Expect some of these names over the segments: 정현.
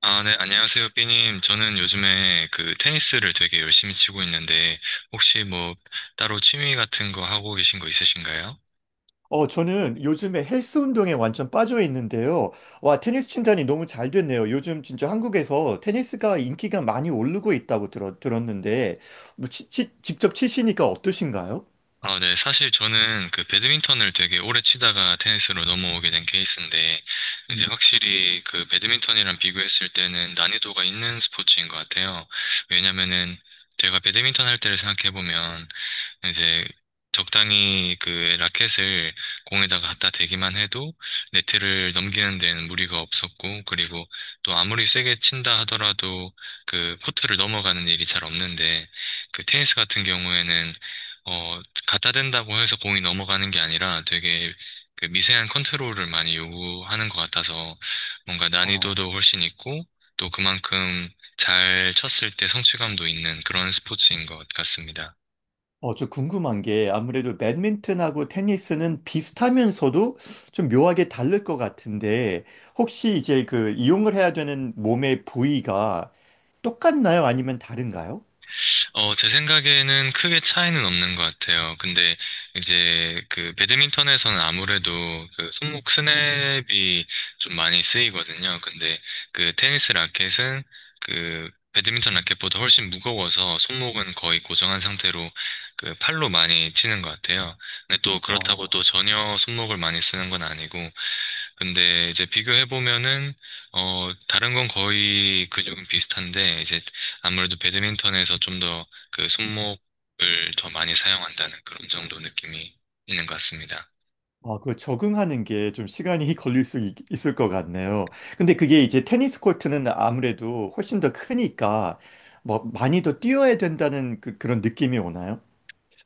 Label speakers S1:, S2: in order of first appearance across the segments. S1: 아, 네, 안녕하세요, 삐님. 저는 요즘에 그 테니스를 되게 열심히 치고 있는데, 혹시 뭐 따로 취미 같은 거 하고 계신 거 있으신가요?
S2: 저는 요즘에 헬스 운동에 완전 빠져 있는데요. 와, 테니스 친단이 너무 잘 됐네요. 요즘 진짜 한국에서 테니스가 인기가 많이 오르고 있다고 들었는데, 직접 치시니까 어떠신가요?
S1: 아, 네, 사실 저는 그 배드민턴을 되게 오래 치다가 테니스로 넘어오게 된 케이스인데, 이제
S2: 음.
S1: 확실히 그 배드민턴이랑 비교했을 때는 난이도가 있는 스포츠인 것 같아요. 왜냐면은 제가 배드민턴 할 때를 생각해보면 이제 적당히 그 라켓을 공에다가 갖다 대기만 해도 네트를 넘기는 데는 무리가 없었고, 그리고 또 아무리 세게 친다 하더라도 그 코트를 넘어가는 일이 잘 없는데, 그 테니스 같은 경우에는 어, 갖다 댄다고 해서 공이 넘어가는 게 아니라 되게 그 미세한 컨트롤을 많이 요구하는 것 같아서 뭔가
S2: 아,
S1: 난이도도 훨씬 있고, 또 그만큼 잘 쳤을 때 성취감도 있는 그런 스포츠인 것 같습니다.
S2: 저 궁금한 게 아무래도 배드민턴하고 테니스는 비슷하면서도 좀 묘하게 다를 것 같은데, 혹시 이제 그 이용을 해야 되는 몸의 부위가 똑같나요? 아니면 다른가요?
S1: 어, 제 생각에는 크게 차이는 없는 것 같아요. 근데 이제 그 배드민턴에서는 아무래도 그 손목 스냅이 좀 많이 쓰이거든요. 근데 그 테니스 라켓은 그 배드민턴 라켓보다 훨씬 무거워서 손목은 거의 고정한 상태로 그 팔로 많이 치는 것 같아요. 근데 또 그렇다고 또 전혀 손목을 많이 쓰는 건 아니고 근데 이제 비교해보면은, 다른 건 거의 근육은 비슷한데, 이제 아무래도 배드민턴에서 좀 더 그 손목을 더 많이 사용한다는 그런 정도 느낌이 있는 것 같습니다.
S2: 아, 그 적응하는 게 좀 시간이 을것 같네요. 근데 그게 이제 테니스 코트는 아무래도 훨씬 더 크니까 뭐 많이 더 뛰어야 된다는 런 느낌이 오나요?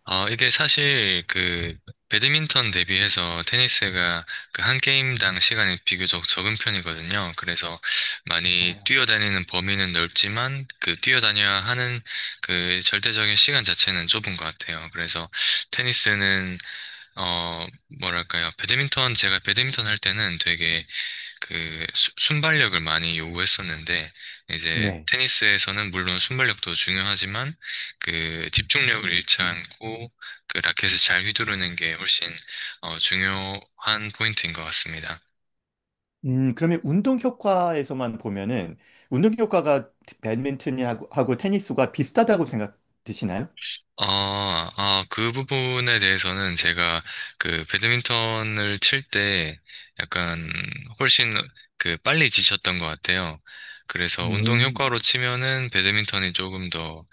S1: 어, 이게 사실 그 배드민턴 대비해서 테니스가 그 한 게임당 시간이 비교적 적은 편이거든요. 그래서 많이
S2: 아.
S1: 뛰어다니는 범위는 넓지만 그 뛰어다녀야 하는 그 절대적인 시간 자체는 좁은 것 같아요. 그래서 테니스는 어, 뭐랄까요. 배드민턴, 제가 배드민턴 할 때는 되게 순발력을 많이 요구했었는데, 이제
S2: 네.
S1: 테니스에서는 물론 순발력도 중요하지만, 그 집중력을 잃지 않고, 그 라켓을 잘 휘두르는 게 훨씬, 중요한 포인트인 것 같습니다.
S2: 그러면 운동 효과에서만 보면은 운동 효과가 배드민턴하고 하고 테니스가 비슷하다고 생각 드시나요?
S1: 아, 그 부분에 대해서는 제가 그 배드민턴을 칠 때 약간 훨씬 그 빨리 지쳤던 것 같아요. 그래서 운동 효과로
S2: 음.
S1: 치면은 배드민턴이 조금 더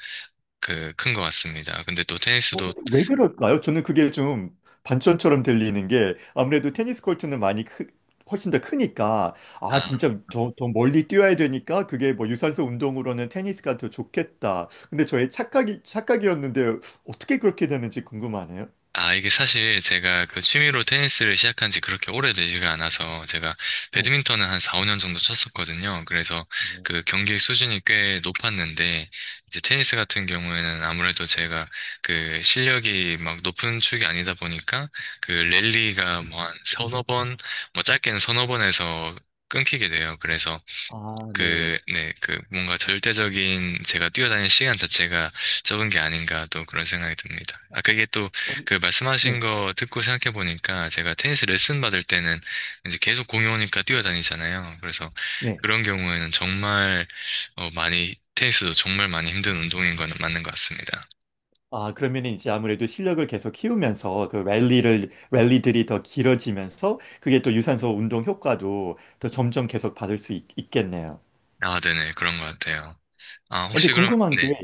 S1: 그 큰 것 같습니다. 근데 또
S2: 어,
S1: 테니스도
S2: 근데 왜 그럴까요? 저는 그게 좀 반전처럼 들리는 게 아무래도 테니스 코트는 훨씬 더 크니까 아
S1: 아,
S2: 진짜 더 멀리 뛰어야 되니까 그게 뭐 유산소 운동으로는 테니스가 더 좋겠다. 근데 저의 착각이었는데 어떻게 그렇게 되는지 궁금하네요.
S1: 아, 이게 사실 제가 그 취미로 테니스를 시작한 지 그렇게 오래되지가 않아서 제가
S2: 네.
S1: 배드민턴은 한 4, 5년 정도 쳤었거든요. 그래서
S2: 음,
S1: 그 경기 수준이 꽤 높았는데 이제 테니스 같은 경우에는 아무래도 제가 그 실력이 막 높은 축이 아니다 보니까 그 랠리가 뭐 한 서너 번, 뭐 짧게는 서너 번에서 끊기게 돼요. 그래서
S2: 아, 네.
S1: 네, 뭔가 절대적인 제가 뛰어다니는 시간 자체가 적은 게 아닌가 또 그런 생각이 듭니다. 아, 그게 또
S2: 어,
S1: 그 말씀하신
S2: 네.
S1: 거 듣고 생각해 보니까 제가 테니스 레슨 받을 때는 이제 계속 공이 오니까 뛰어다니잖아요. 그래서
S2: 네.
S1: 그런 경우에는 정말, 많이, 테니스도 정말 많이 힘든 운동인 거는 맞는 것 같습니다.
S2: 아, 그러면 이제 아무래도 실력을 계속 키우면서 그 랠리를 랠리들이 더 길어지면서 그게 또 유산소 운동 효과도 더 점점 계속 있겠네요.
S1: 아, 네네, 그런 것 같아요. 아,
S2: 근데
S1: 혹시 그럼,
S2: 궁금한 게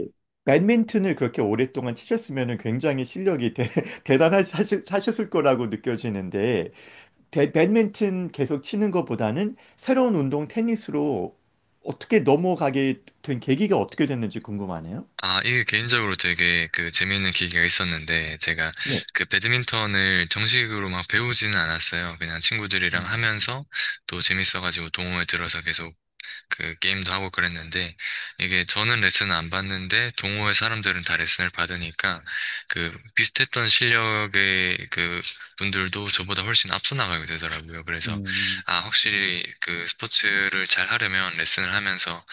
S2: 배드민턴을 그렇게 오랫동안 치셨으면 굉장히 실력이 대단하셨을 거라고 느껴지는데 배드민턴 계속 치는 것보다는 새로운 운동 테니스로 어떻게 넘어가게 된 계기가 어떻게 됐는지 궁금하네요.
S1: 아, 이게 개인적으로 되게 그 재미있는 계기가 있었는데, 제가
S2: 네.
S1: 그 배드민턴을 정식으로 막 배우지는 않았어요. 그냥 친구들이랑
S2: 음,
S1: 하면서 또 재밌어가지고 동호회 들어서 계속 그 게임도 하고 그랬는데 이게 저는 레슨을 안 받는데 동호회 사람들은 다 레슨을 받으니까 그 비슷했던 실력의 그 분들도 저보다 훨씬 앞서 나가게 되더라고요. 그래서
S2: 음.
S1: 아 확실히 그 스포츠를 잘 하려면 레슨을 하면서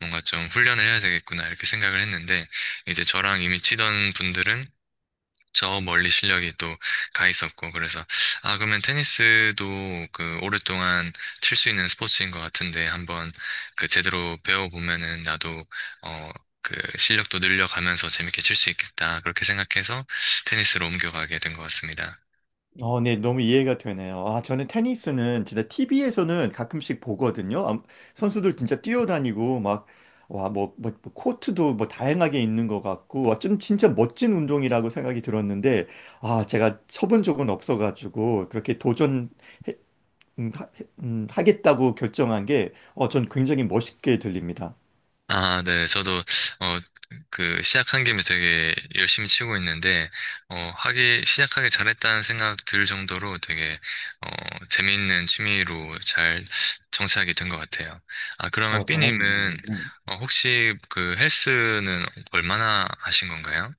S1: 뭔가 좀 훈련을 해야 되겠구나 이렇게 생각을 했는데 이제 저랑 이미 치던 분들은 저 멀리 실력이 또 가 있었고 그래서 아 그러면 테니스도 그 오랫동안 칠 수 있는 스포츠인 것 같은데 한번 그 제대로 배워보면은 나도 어 그 실력도 늘려가면서 재밌게 칠 수 있겠다 그렇게 생각해서 테니스로 옮겨가게 된 것 같습니다.
S2: 어, 네, 너무 이해가 되네요. 아, 저는 테니스는 진짜 TV에서는 가끔씩 보거든요. 아, 선수들 진짜 뛰어다니고 막, 와, 뭐 코트도 뭐 다양하게 있는 것 같고, 와, 좀 진짜 멋진 운동이라고 생각이 들었는데, 아, 제가 쳐본 적은 없어가지고, 음, 하, 하겠다고 결정한 게, 어, 전 굉장히 멋있게 들립니다.
S1: 아, 네. 저도, 어, 그, 시작한 김에 되게 열심히 치고 있는데, 어, 시작하기 잘했다는 생각 들 정도로 되게, 어, 재미있는 취미로 잘 정착이 된 것 같아요. 아, 그러면
S2: 어, 다행입니다.
S1: 삐님은,
S2: 네.
S1: 어, 혹시 그 헬스는 얼마나 하신 건가요?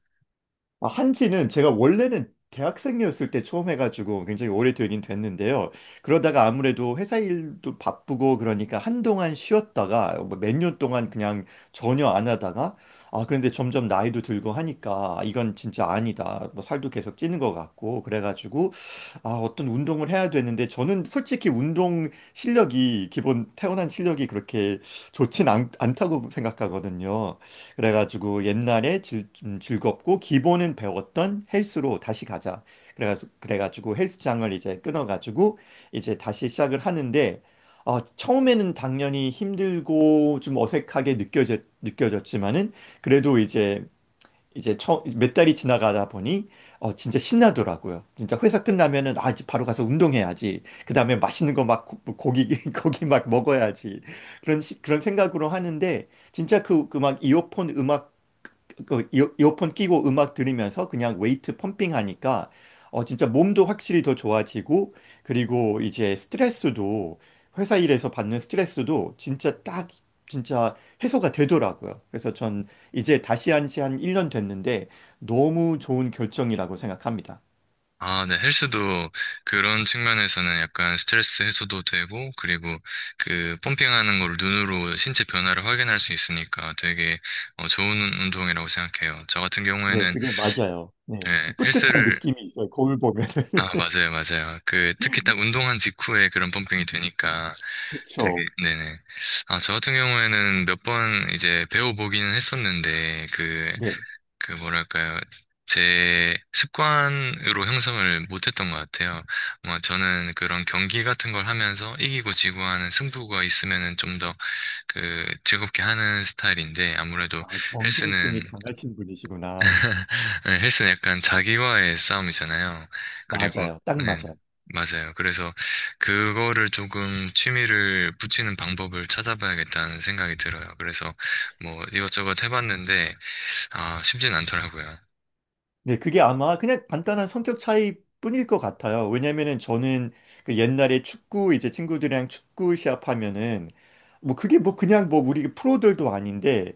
S2: 아, 한지는 제가 원래는 대학생이었을 때 처음 해가지고 굉장히 오래되긴 됐는데요. 그러다가 아무래도 회사 일도 바쁘고 그러니까 한동안 쉬었다가 뭐 몇년 동안 그냥 전혀 안 하다가 아, 근데 점점 나이도 들고 하니까 이건 진짜 아니다. 뭐 살도 계속 찌는 것 같고 그래가지고 아, 어떤 운동을 해야 되는데 저는 솔직히 운동 실력이 기본 태어난 실력이 않다고 생각하거든요. 그래가지고 옛날에 즐겁고 기본은 배웠던 헬스로 다시 가자. 그래가지고 헬스장을 이제 끊어가지고 이제 다시 시작을 하는데 어, 처음에는 당연히 힘들고 좀 느껴졌지만은 그래도 이제 몇 달이 지나가다 보니 어, 진짜 신나더라고요. 진짜 회사 끝나면은 아, 이제 바로 가서 운동해야지. 그다음에 맛있는 거 막 고기 고기 막 먹어야지. 그런 생각으로 하는데 진짜 그 음악 이어폰 끼고 음악 들으면서 그냥 웨이트 펌핑 하니까 어 진짜 몸도 확실히 더 좋아지고 그리고 이제 스트레스도 회사 일에서 받는 스트레스도 진짜 딱 진짜 해소가 되더라고요. 그래서 전 이제 다시 한지 한 1년 됐는데 너무 좋은 결정이라고 생각합니다.
S1: 아, 네. 헬스도 그런 측면에서는 약간 스트레스 해소도 되고, 그리고 그 펌핑하는 걸 눈으로 신체 변화를 확인할 수 있으니까 되게 좋은 운동이라고 생각해요. 저 같은
S2: 네,
S1: 경우에는
S2: 그게 맞아요. 네.
S1: 예,
S2: 뿌듯한
S1: 헬스를,
S2: 느낌이 있어요. 거울 보면은.
S1: 아, 맞아요, 맞아요. 그 특히 딱 운동한 직후에 그런 펌핑이 되니까 되게,
S2: 그쵸.
S1: 네네. 아, 저 같은 경우에는 몇 번 이제 배워보기는 했었는데, 그
S2: 네.
S1: 그 뭐랄까요. 제 습관으로 형성을 못했던 것 같아요. 뭐 저는 그런 경기 같은 걸 하면서 이기고 지고 하는 승부가 있으면은 좀 더 그 즐겁게 하는 스타일인데 아무래도
S2: 아,
S1: 헬스는
S2: 경쟁심이 강하신 분이시구나.
S1: 네, 헬스는 약간 자기와의 싸움이잖아요. 그리고
S2: 맞아요. 딱
S1: 네,
S2: 맞아요.
S1: 맞아요. 그래서 그거를 조금 취미를 붙이는 방법을 찾아봐야겠다는 생각이 들어요. 그래서 뭐 이것저것 해봤는데 아 쉽진 않더라고요.
S2: 네, 그게 아마 그냥 간단한 성격 차이뿐일 것 같아요. 왜냐면은 저는 그 옛날에 축구 이제 친구들이랑 축구 시합하면은 뭐 그게 뭐 그냥 뭐 우리 프로들도 아닌데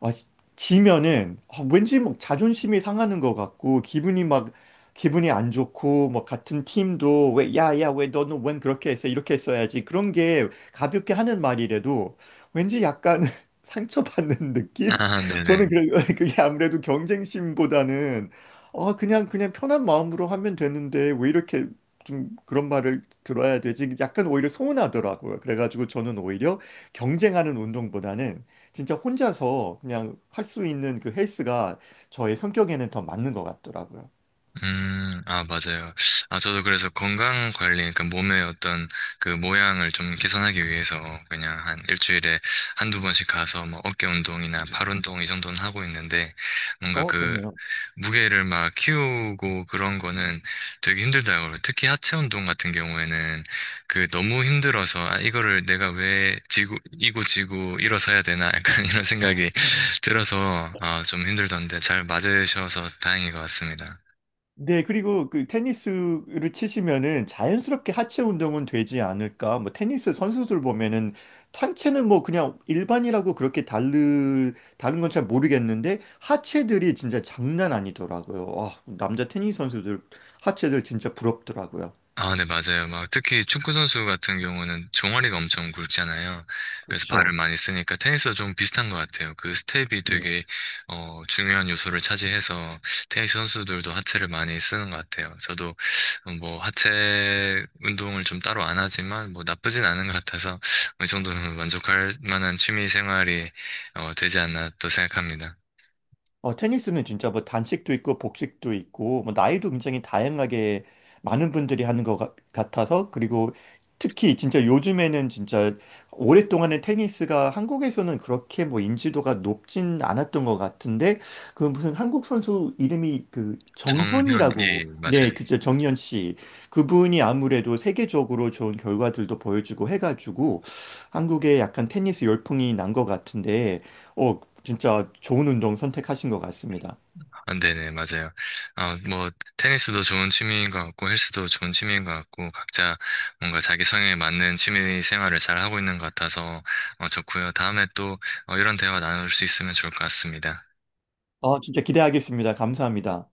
S2: 아, 지- 지면은 아, 왠지 막 자존심이 상하는 것 같고 기분이 안 좋고 뭐 같은 팀도 왜 야야 왜 너는 웬 그렇게 했어 이렇게 했어야지 그런 게 가볍게 하는 말이라도 왠지 약간 상처받는 느낌?
S1: 아, 네네.
S2: 저는 그래, 그게 아무래도 경쟁심보다는 그냥 편한 마음으로 하면 되는데, 왜 이렇게 좀 그런 말을 들어야 되지? 약간 오히려 서운하더라고요. 그래가지고 저는 오히려 경쟁하는 운동보다는 진짜 혼자서 그냥 할 수 있는 그 헬스가 저의 성격에는 더 맞는 것 같더라고요.
S1: 아, 맞아요. 아, 저도 그래서 건강 관리, 그러니까 몸의 어떤 그 모양을 좀 개선하기 위해서 그냥 한 일주일에 한두 번씩 가서 뭐 어깨 운동이나 팔 운동 이 정도는 하고 있는데 뭔가
S2: 어,
S1: 그
S2: 좋네요.
S1: 무게를 막 키우고 그런 거는 되게 힘들다고. 특히 하체 운동 같은 경우에는 그 너무 힘들어서 아, 이거를 내가 왜 지고, 이고 지고 일어서야 되나 약간 이런 생각이 들어서 아, 좀 힘들던데 잘 맞으셔서 다행인 것 같습니다.
S2: 네, 그리고 그 테니스를 치시면은 자연스럽게 하체 운동은 되지 않을까? 뭐 테니스 선수들 보면은 상체는 뭐 그냥 일반이라고 그렇게 다른 건 잘 모르겠는데 하체들이 진짜 장난 아니더라고요. 아, 남자 테니스 선수들 하체들 진짜 부럽더라고요.
S1: 아, 네, 맞아요. 막 특히 축구 선수 같은 경우는 종아리가 엄청 굵잖아요. 그래서 발을
S2: 그렇죠.
S1: 많이 쓰니까 테니스도 좀 비슷한 것 같아요. 그 스텝이 되게 중요한 요소를 차지해서 테니스 선수들도 하체를 많이 쓰는 것 같아요. 저도 뭐 하체 운동을 좀 따로 안 하지만 뭐 나쁘진 않은 것 같아서 어느 정도는 만족할 만한 취미 생활이 되지 않나 또 생각합니다.
S2: 어, 테니스는 진짜 뭐 단식도 있고 복식도 있고 뭐 나이도 굉장히 다양하게 많은 분들이 하는 같아서 그리고 특히 진짜 요즘에는 진짜 오랫동안은 테니스가 한국에서는 그렇게 뭐 인지도가 높진 않았던 것 같은데 그 무슨 한국 선수 이름이 그
S1: 정현,
S2: 정현이라고
S1: 예, 맞아요.
S2: 네, 그죠 정현 씨 그분이 아무래도 세계적으로 좋은 결과들도 보여주고 해가지고 한국에 약간 테니스 열풍이 난 것 같은데. 어, 진짜 좋은 운동 선택하신 것 같습니다.
S1: 아, 네네, 맞아요. 아, 뭐, 테니스도 좋은 취미인 것 같고, 헬스도 좋은 취미인 것 같고, 각자 뭔가 자기 성향에 맞는 취미 생활을 잘 하고 있는 것 같아서, 어, 좋고요. 다음에 또, 이런 대화 나눌 수 있으면 좋을 것 같습니다.
S2: 어, 진짜 기대하겠습니다. 감사합니다.